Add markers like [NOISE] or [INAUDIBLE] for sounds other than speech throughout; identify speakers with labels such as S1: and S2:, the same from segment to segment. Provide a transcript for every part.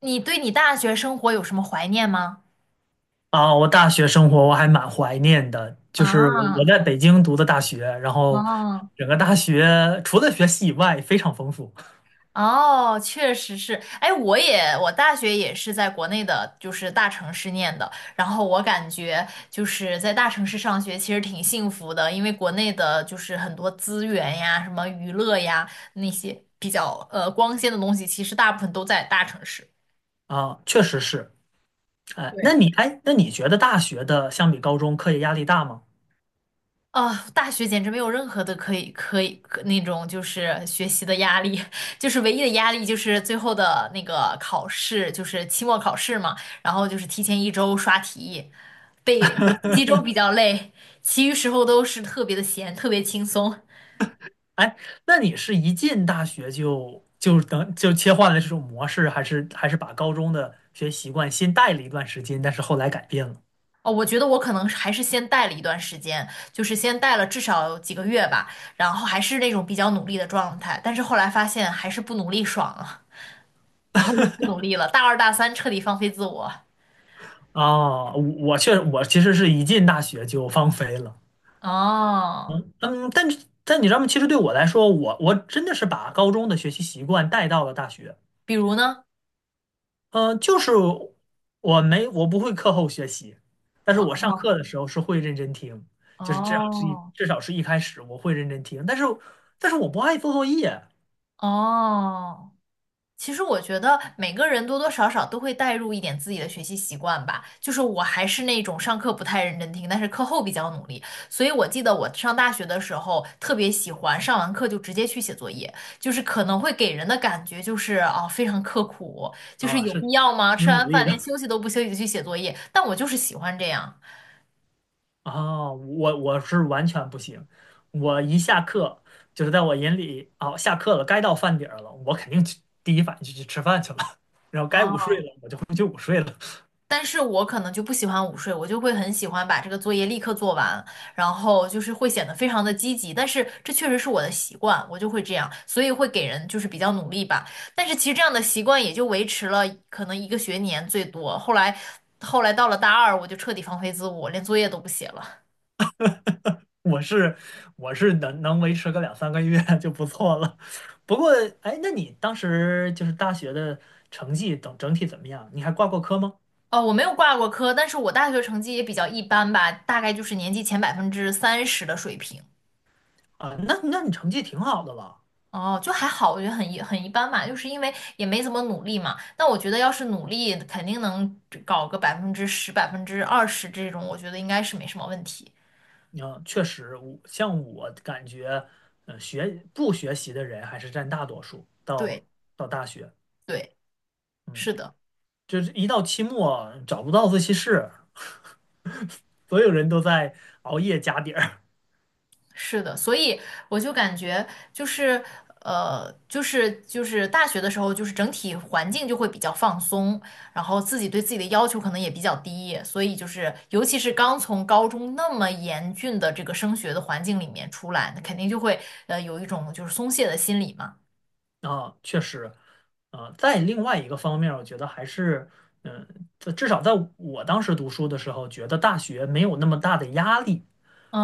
S1: 你对你大学生活有什么怀念吗？
S2: 啊，我大学生活还蛮怀念的，就是我
S1: 啊，
S2: 在北京读的大学，然后
S1: 哦，
S2: 整个大学除了学习以外非常丰富。
S1: 哦，确实是。哎，我也，我大学也是在国内的，就是大城市念的。然后我感觉就是在大城市上学其实挺幸福的，因为国内的就是很多资源呀、什么娱乐呀那些比较光鲜的东西，其实大部分都在大城市。
S2: 啊，确实是。哎，
S1: 对。
S2: 那你觉得大学的相比高中课业压力大吗？
S1: 啊，大学简直没有任何的可以那种就是学习的压力，[LAUGHS] 就是唯一的压力就是最后的那个考试，就是期末考试嘛，然后就是提前一周刷题，背复习周比较累，其余时候都是特别的闲，特别轻松。
S2: 哎，那你是一进大学就切换了这种模式，还是把高中的学习习惯先带了一段时间，但是后来改变了？
S1: 哦，我觉得我可能是还是先带了一段时间，就是先带了至少几个月吧，然后还是那种比较努力的状态，但是后来发现还是不努力爽了，然后就不努力了，大二大三彻底放飞自我。
S2: 啊，我其实是一进大学就放飞了。
S1: 哦，
S2: 嗯，但是但你知道吗？其实对我来说，我真的是把高中的学习习惯带到了大学。
S1: 比如呢？
S2: 嗯，就是我不会课后学习，但是我上
S1: 哦
S2: 课的时候是会认真听，就是
S1: 哦
S2: 至少是一开始我会认真听，但是我不爱做作业。
S1: 哦，其实我觉得每个人多多少少都会带入一点自己的学习习惯吧。就是我还是那种上课不太认真听，但是课后比较努力。所以我记得我上大学的时候特别喜欢上完课就直接去写作业，就是可能会给人的感觉就是哦非常刻苦，就是
S2: 啊，
S1: 有必
S2: 是
S1: 要吗？吃
S2: 挺努
S1: 完
S2: 力
S1: 饭连
S2: 的。
S1: 休息都不休息就去写作业，但我就是喜欢这样。
S2: [LAUGHS] 啊，我是完全不行，我一下课，就是在我眼里啊，下课了该到饭点儿了，我肯定去，第一反应就去吃饭去了，[LAUGHS] 然后该午
S1: 啊。
S2: 睡了我就回去午睡了。
S1: 但是我可能就不喜欢午睡，我就会很喜欢把这个作业立刻做完，然后就是会显得非常的积极。但是这确实是我的习惯，我就会这样，所以会给人就是比较努力吧。但是其实这样的习惯也就维持了可能一个学年最多，后来到了大二，我就彻底放飞自我，连作业都不写了。
S2: 我是我是能维持个两三个月 [LAUGHS] 就不错了。不过，哎，那你当时就是大学的成绩等整体怎么样？你还挂过科吗？
S1: 哦，我没有挂过科，但是我大学成绩也比较一般吧，大概就是年级前30%的水平。
S2: 啊，那你成绩挺好的了。
S1: 哦，就还好，我觉得很一般吧，就是因为也没怎么努力嘛。那我觉得要是努力，肯定能搞个10%、20%这种，我觉得应该是没什么问题。
S2: 嗯，确实，我感觉，呃，学不学习的人还是占大多数。
S1: 对
S2: 到到大学，
S1: 对，
S2: 嗯，
S1: 是的。
S2: 就是一到期末找不到自习室，所有人都在熬夜加点儿。
S1: 是的，所以我就感觉就是就是大学的时候，就是整体环境就会比较放松，然后自己对自己的要求可能也比较低，所以就是尤其是刚从高中那么严峻的这个升学的环境里面出来，那肯定就会有一种就是松懈的心理嘛。
S2: 啊，确实，啊，在另外一个方面儿我觉得还是，嗯，至少在我当时读书的时候，觉得大学没有那么大的压力。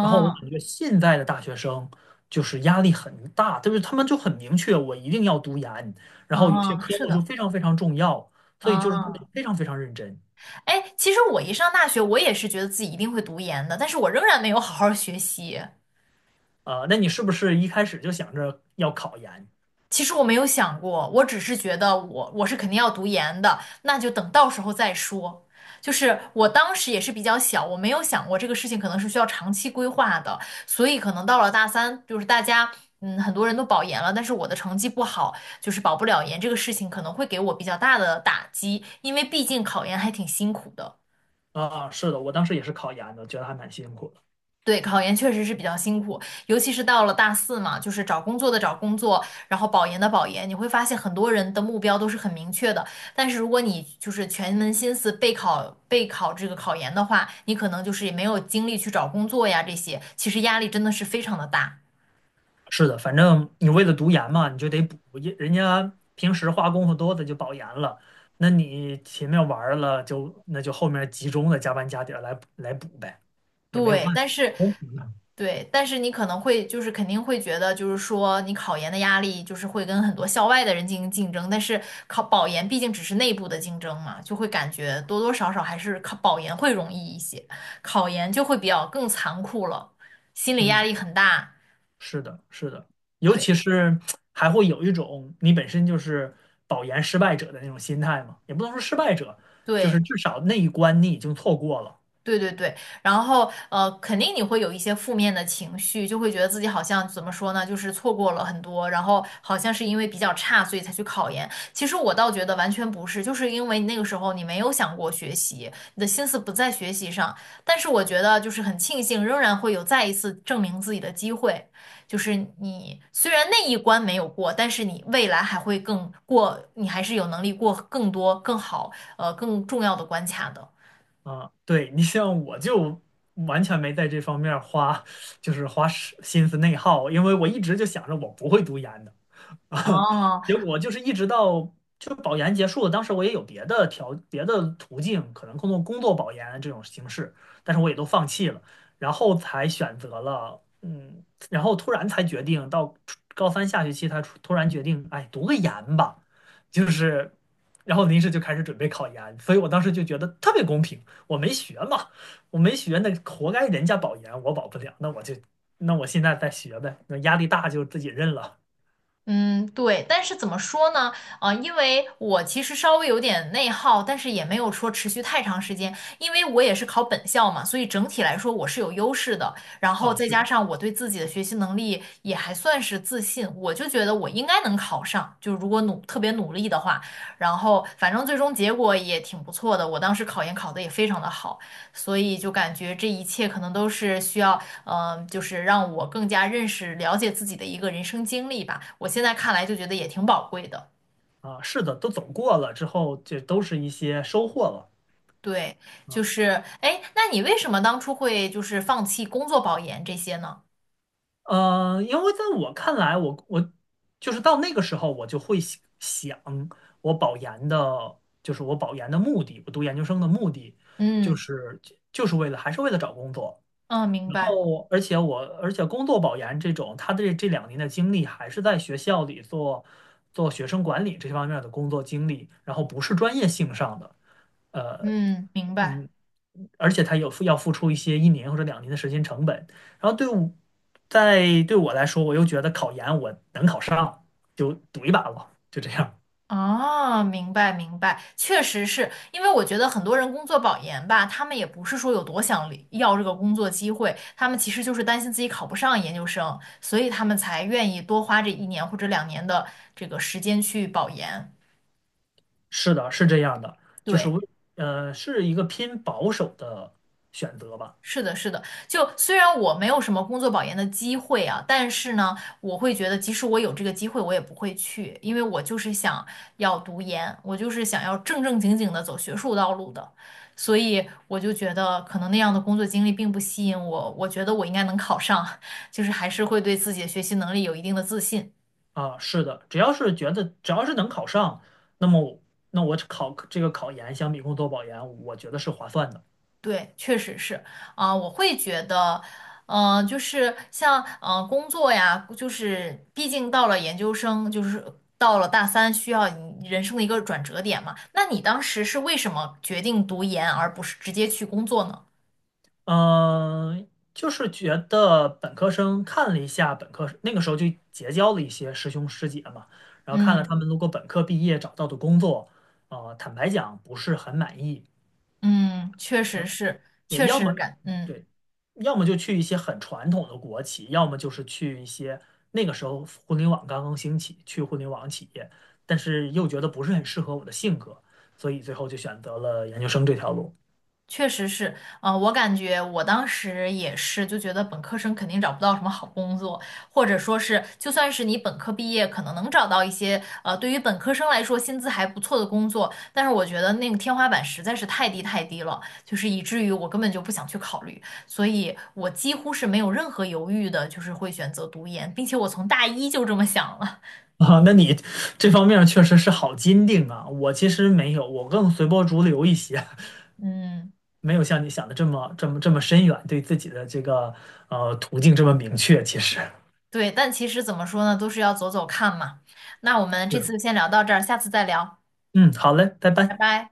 S2: 然后我感觉现在的大学生就是压力很大，就是他们就很明确，我一定要读研，然后有些
S1: 嗯，
S2: 科
S1: 是
S2: 目就
S1: 的。
S2: 非常非常重要，所以就是他们
S1: 嗯，
S2: 非常非常认真。
S1: 哎，其实我一上大学，我也是觉得自己一定会读研的，但是我仍然没有好好学习。
S2: 啊，那你是不是一开始就想着要考研？
S1: 其实我没有想过，我只是觉得我是肯定要读研的，那就等到时候再说。就是我当时也是比较小，我没有想过这个事情可能是需要长期规划的，所以可能到了大三，就是大家很多人都保研了，但是我的成绩不好，就是保不了研这个事情可能会给我比较大的打击，因为毕竟考研还挺辛苦的。
S2: 啊，是的，我当时也是考研的，觉得还蛮辛苦的。
S1: 对，考研确实是比较辛苦，尤其是到了大四嘛，就是找工作的找工作，然后保研的保研，你会发现很多人的目标都是很明确的，但是如果你就是全门心思备考这个考研的话，你可能就是也没有精力去找工作呀，这些其实压力真的是非常的大。
S2: 是的，反正你为了读研嘛，你就得补，也人家平时花功夫多的就保研了，那你前面玩儿了就那就后面集中的加班加点儿来补呗，也没有
S1: 对，
S2: 办法，
S1: 但是
S2: 公平的。
S1: 对，但是你可能会就是肯定会觉得，就是说你考研的压力就是会跟很多校外的人进行竞争，但是考保研毕竟只是内部的竞争嘛，就会感觉多多少少还是考保研会容易一些，考研就会比较更残酷了，心理压
S2: 嗯，
S1: 力很大。
S2: 是的，是的，尤
S1: 对
S2: 其是还会有一种你本身就是保研失败者的那种心态嘛，也不能说失败者，就是
S1: 对。
S2: 至少那一关你已经错过了。
S1: 对对对，然后，肯定你会有一些负面的情绪，就会觉得自己好像怎么说呢，就是错过了很多，然后好像是因为比较差，所以才去考研。其实我倒觉得完全不是，就是因为你那个时候你没有想过学习，你的心思不在学习上。但是我觉得就是很庆幸，仍然会有再一次证明自己的机会。就是你虽然那一关没有过，但是你未来还会更过，你还是有能力过更多、更好、更重要的关卡的。
S2: 啊，对，你像我就完全没在这方面儿花，就是花时心思内耗，因为我一直就想着我不会读研的。[LAUGHS] 啊，
S1: 哦，
S2: 结果就是一直到就保研结束了，当时我也有别的途径，可能通过工作保研这种形式，但是我也都放弃了，然后才选择了嗯，然后突然才决定到初高三下学期，他突然决定，哎，读个研吧，就是。然后临时就开始准备考研，所以我当时就觉得特别公平。我没学嘛，我没学，那活该人家保研，我保不了。那我就，那我现在再学呗。那压力大就自己认了。
S1: 嗯，对，但是怎么说呢？因为我其实稍微有点内耗，但是也没有说持续太长时间，因为我也是考本校嘛，所以整体来说我是有优势的。然后
S2: 啊。
S1: 再
S2: 是
S1: 加
S2: 的。
S1: 上我对自己的学习能力也还算是自信，我就觉得我应该能考上，就如果努，特别努力的话，然后反正最终结果也挺不错的，我当时考研考得也非常的好，所以就感觉这一切可能都是需要就是让我更加认识、了解自己的一个人生经历吧。我现在看来就觉得也挺宝贵的。
S2: 啊，是的，都走过了之后，这都是一些收获了。
S1: 对，就是，哎，那你为什么当初会就是放弃工作保研这些呢？
S2: 呃，因为在我看来，我就是到那个时候，我就会想我保研的，就是我保研的目的，我读研究生的目的，就
S1: 嗯
S2: 是就是为了还是为了找工作。
S1: 嗯，明
S2: 然
S1: 白，
S2: 后，而且工作保研这种，他的这两年的经历还是在学校里做学生管理这方面的工作经历，然后不是专业性上的。呃，
S1: 嗯，明白。
S2: 嗯，而且他要付出一些一年或者两年的时间成本。然后在对我来说，我又觉得考研我能考上，就赌一把吧，就这样。
S1: 啊，明白明白，确实是因为我觉得很多人工作保研吧，他们也不是说有多想离要这个工作机会，他们其实就是担心自己考不上研究生，所以他们才愿意多花这一年或者两年的这个时间去保研。
S2: 是的，是这样的，就是
S1: 对，
S2: 为呃是一个偏保守的选择吧。
S1: 是的，是的。就虽然我没有什么工作保研的机会啊，但是呢，我会觉得即使我有这个机会，我也不会去，因为我就是想要读研，我就是想要正正经经的走学术道路的。所以我就觉得，可能那样的工作经历并不吸引我。我觉得我应该能考上，[LAUGHS] 就是还是会对自己的学习能力有一定的自信。
S2: 啊，是的，只要是觉得只要是能考上，那么我那我考这个考研相比工作保研，我觉得是划算的。
S1: 对，确实是啊、我会觉得，就是像工作呀，就是毕竟到了研究生，就是到了大三，需要你人生的一个转折点嘛。那你当时是为什么决定读研，而不是直接去工作呢？
S2: 嗯，就是觉得本科生看了一下本科，那个时候就结交了一些师兄师姐嘛，然后看了
S1: 嗯
S2: 他们如果本科毕业找到的工作，呃，坦白讲不是很满意。
S1: 嗯，确实是，
S2: 对，
S1: 确实感，嗯。
S2: 对，要么就去一些很传统的国企，要么就是去一些那个时候互联网刚刚兴起，去互联网企业，但是又觉得不是很适合我的性格，所以最后就选择了研究生这条路。
S1: 确实是，我感觉我当时也是，就觉得本科生肯定找不到什么好工作，或者说是，就算是你本科毕业，可能能找到一些，对于本科生来说薪资还不错的工作，但是我觉得那个天花板实在是太低太低了，就是以至于我根本就不想去考虑，所以我几乎是没有任何犹豫的，就是会选择读研，并且我从大一就这么想了，
S2: [LAUGHS] 啊，那你这方面确实是好坚定啊！我其实没有，我更随波逐流一些，
S1: 嗯，
S2: [LAUGHS] 没有像你想的这么深远，对自己的这个呃途径这么明确。其实，
S1: 对，但其实怎么说呢，都是要走走看嘛。那我们这次就先聊到这儿，下次再聊，
S2: 嗯，好嘞，拜
S1: 拜
S2: 拜。
S1: 拜。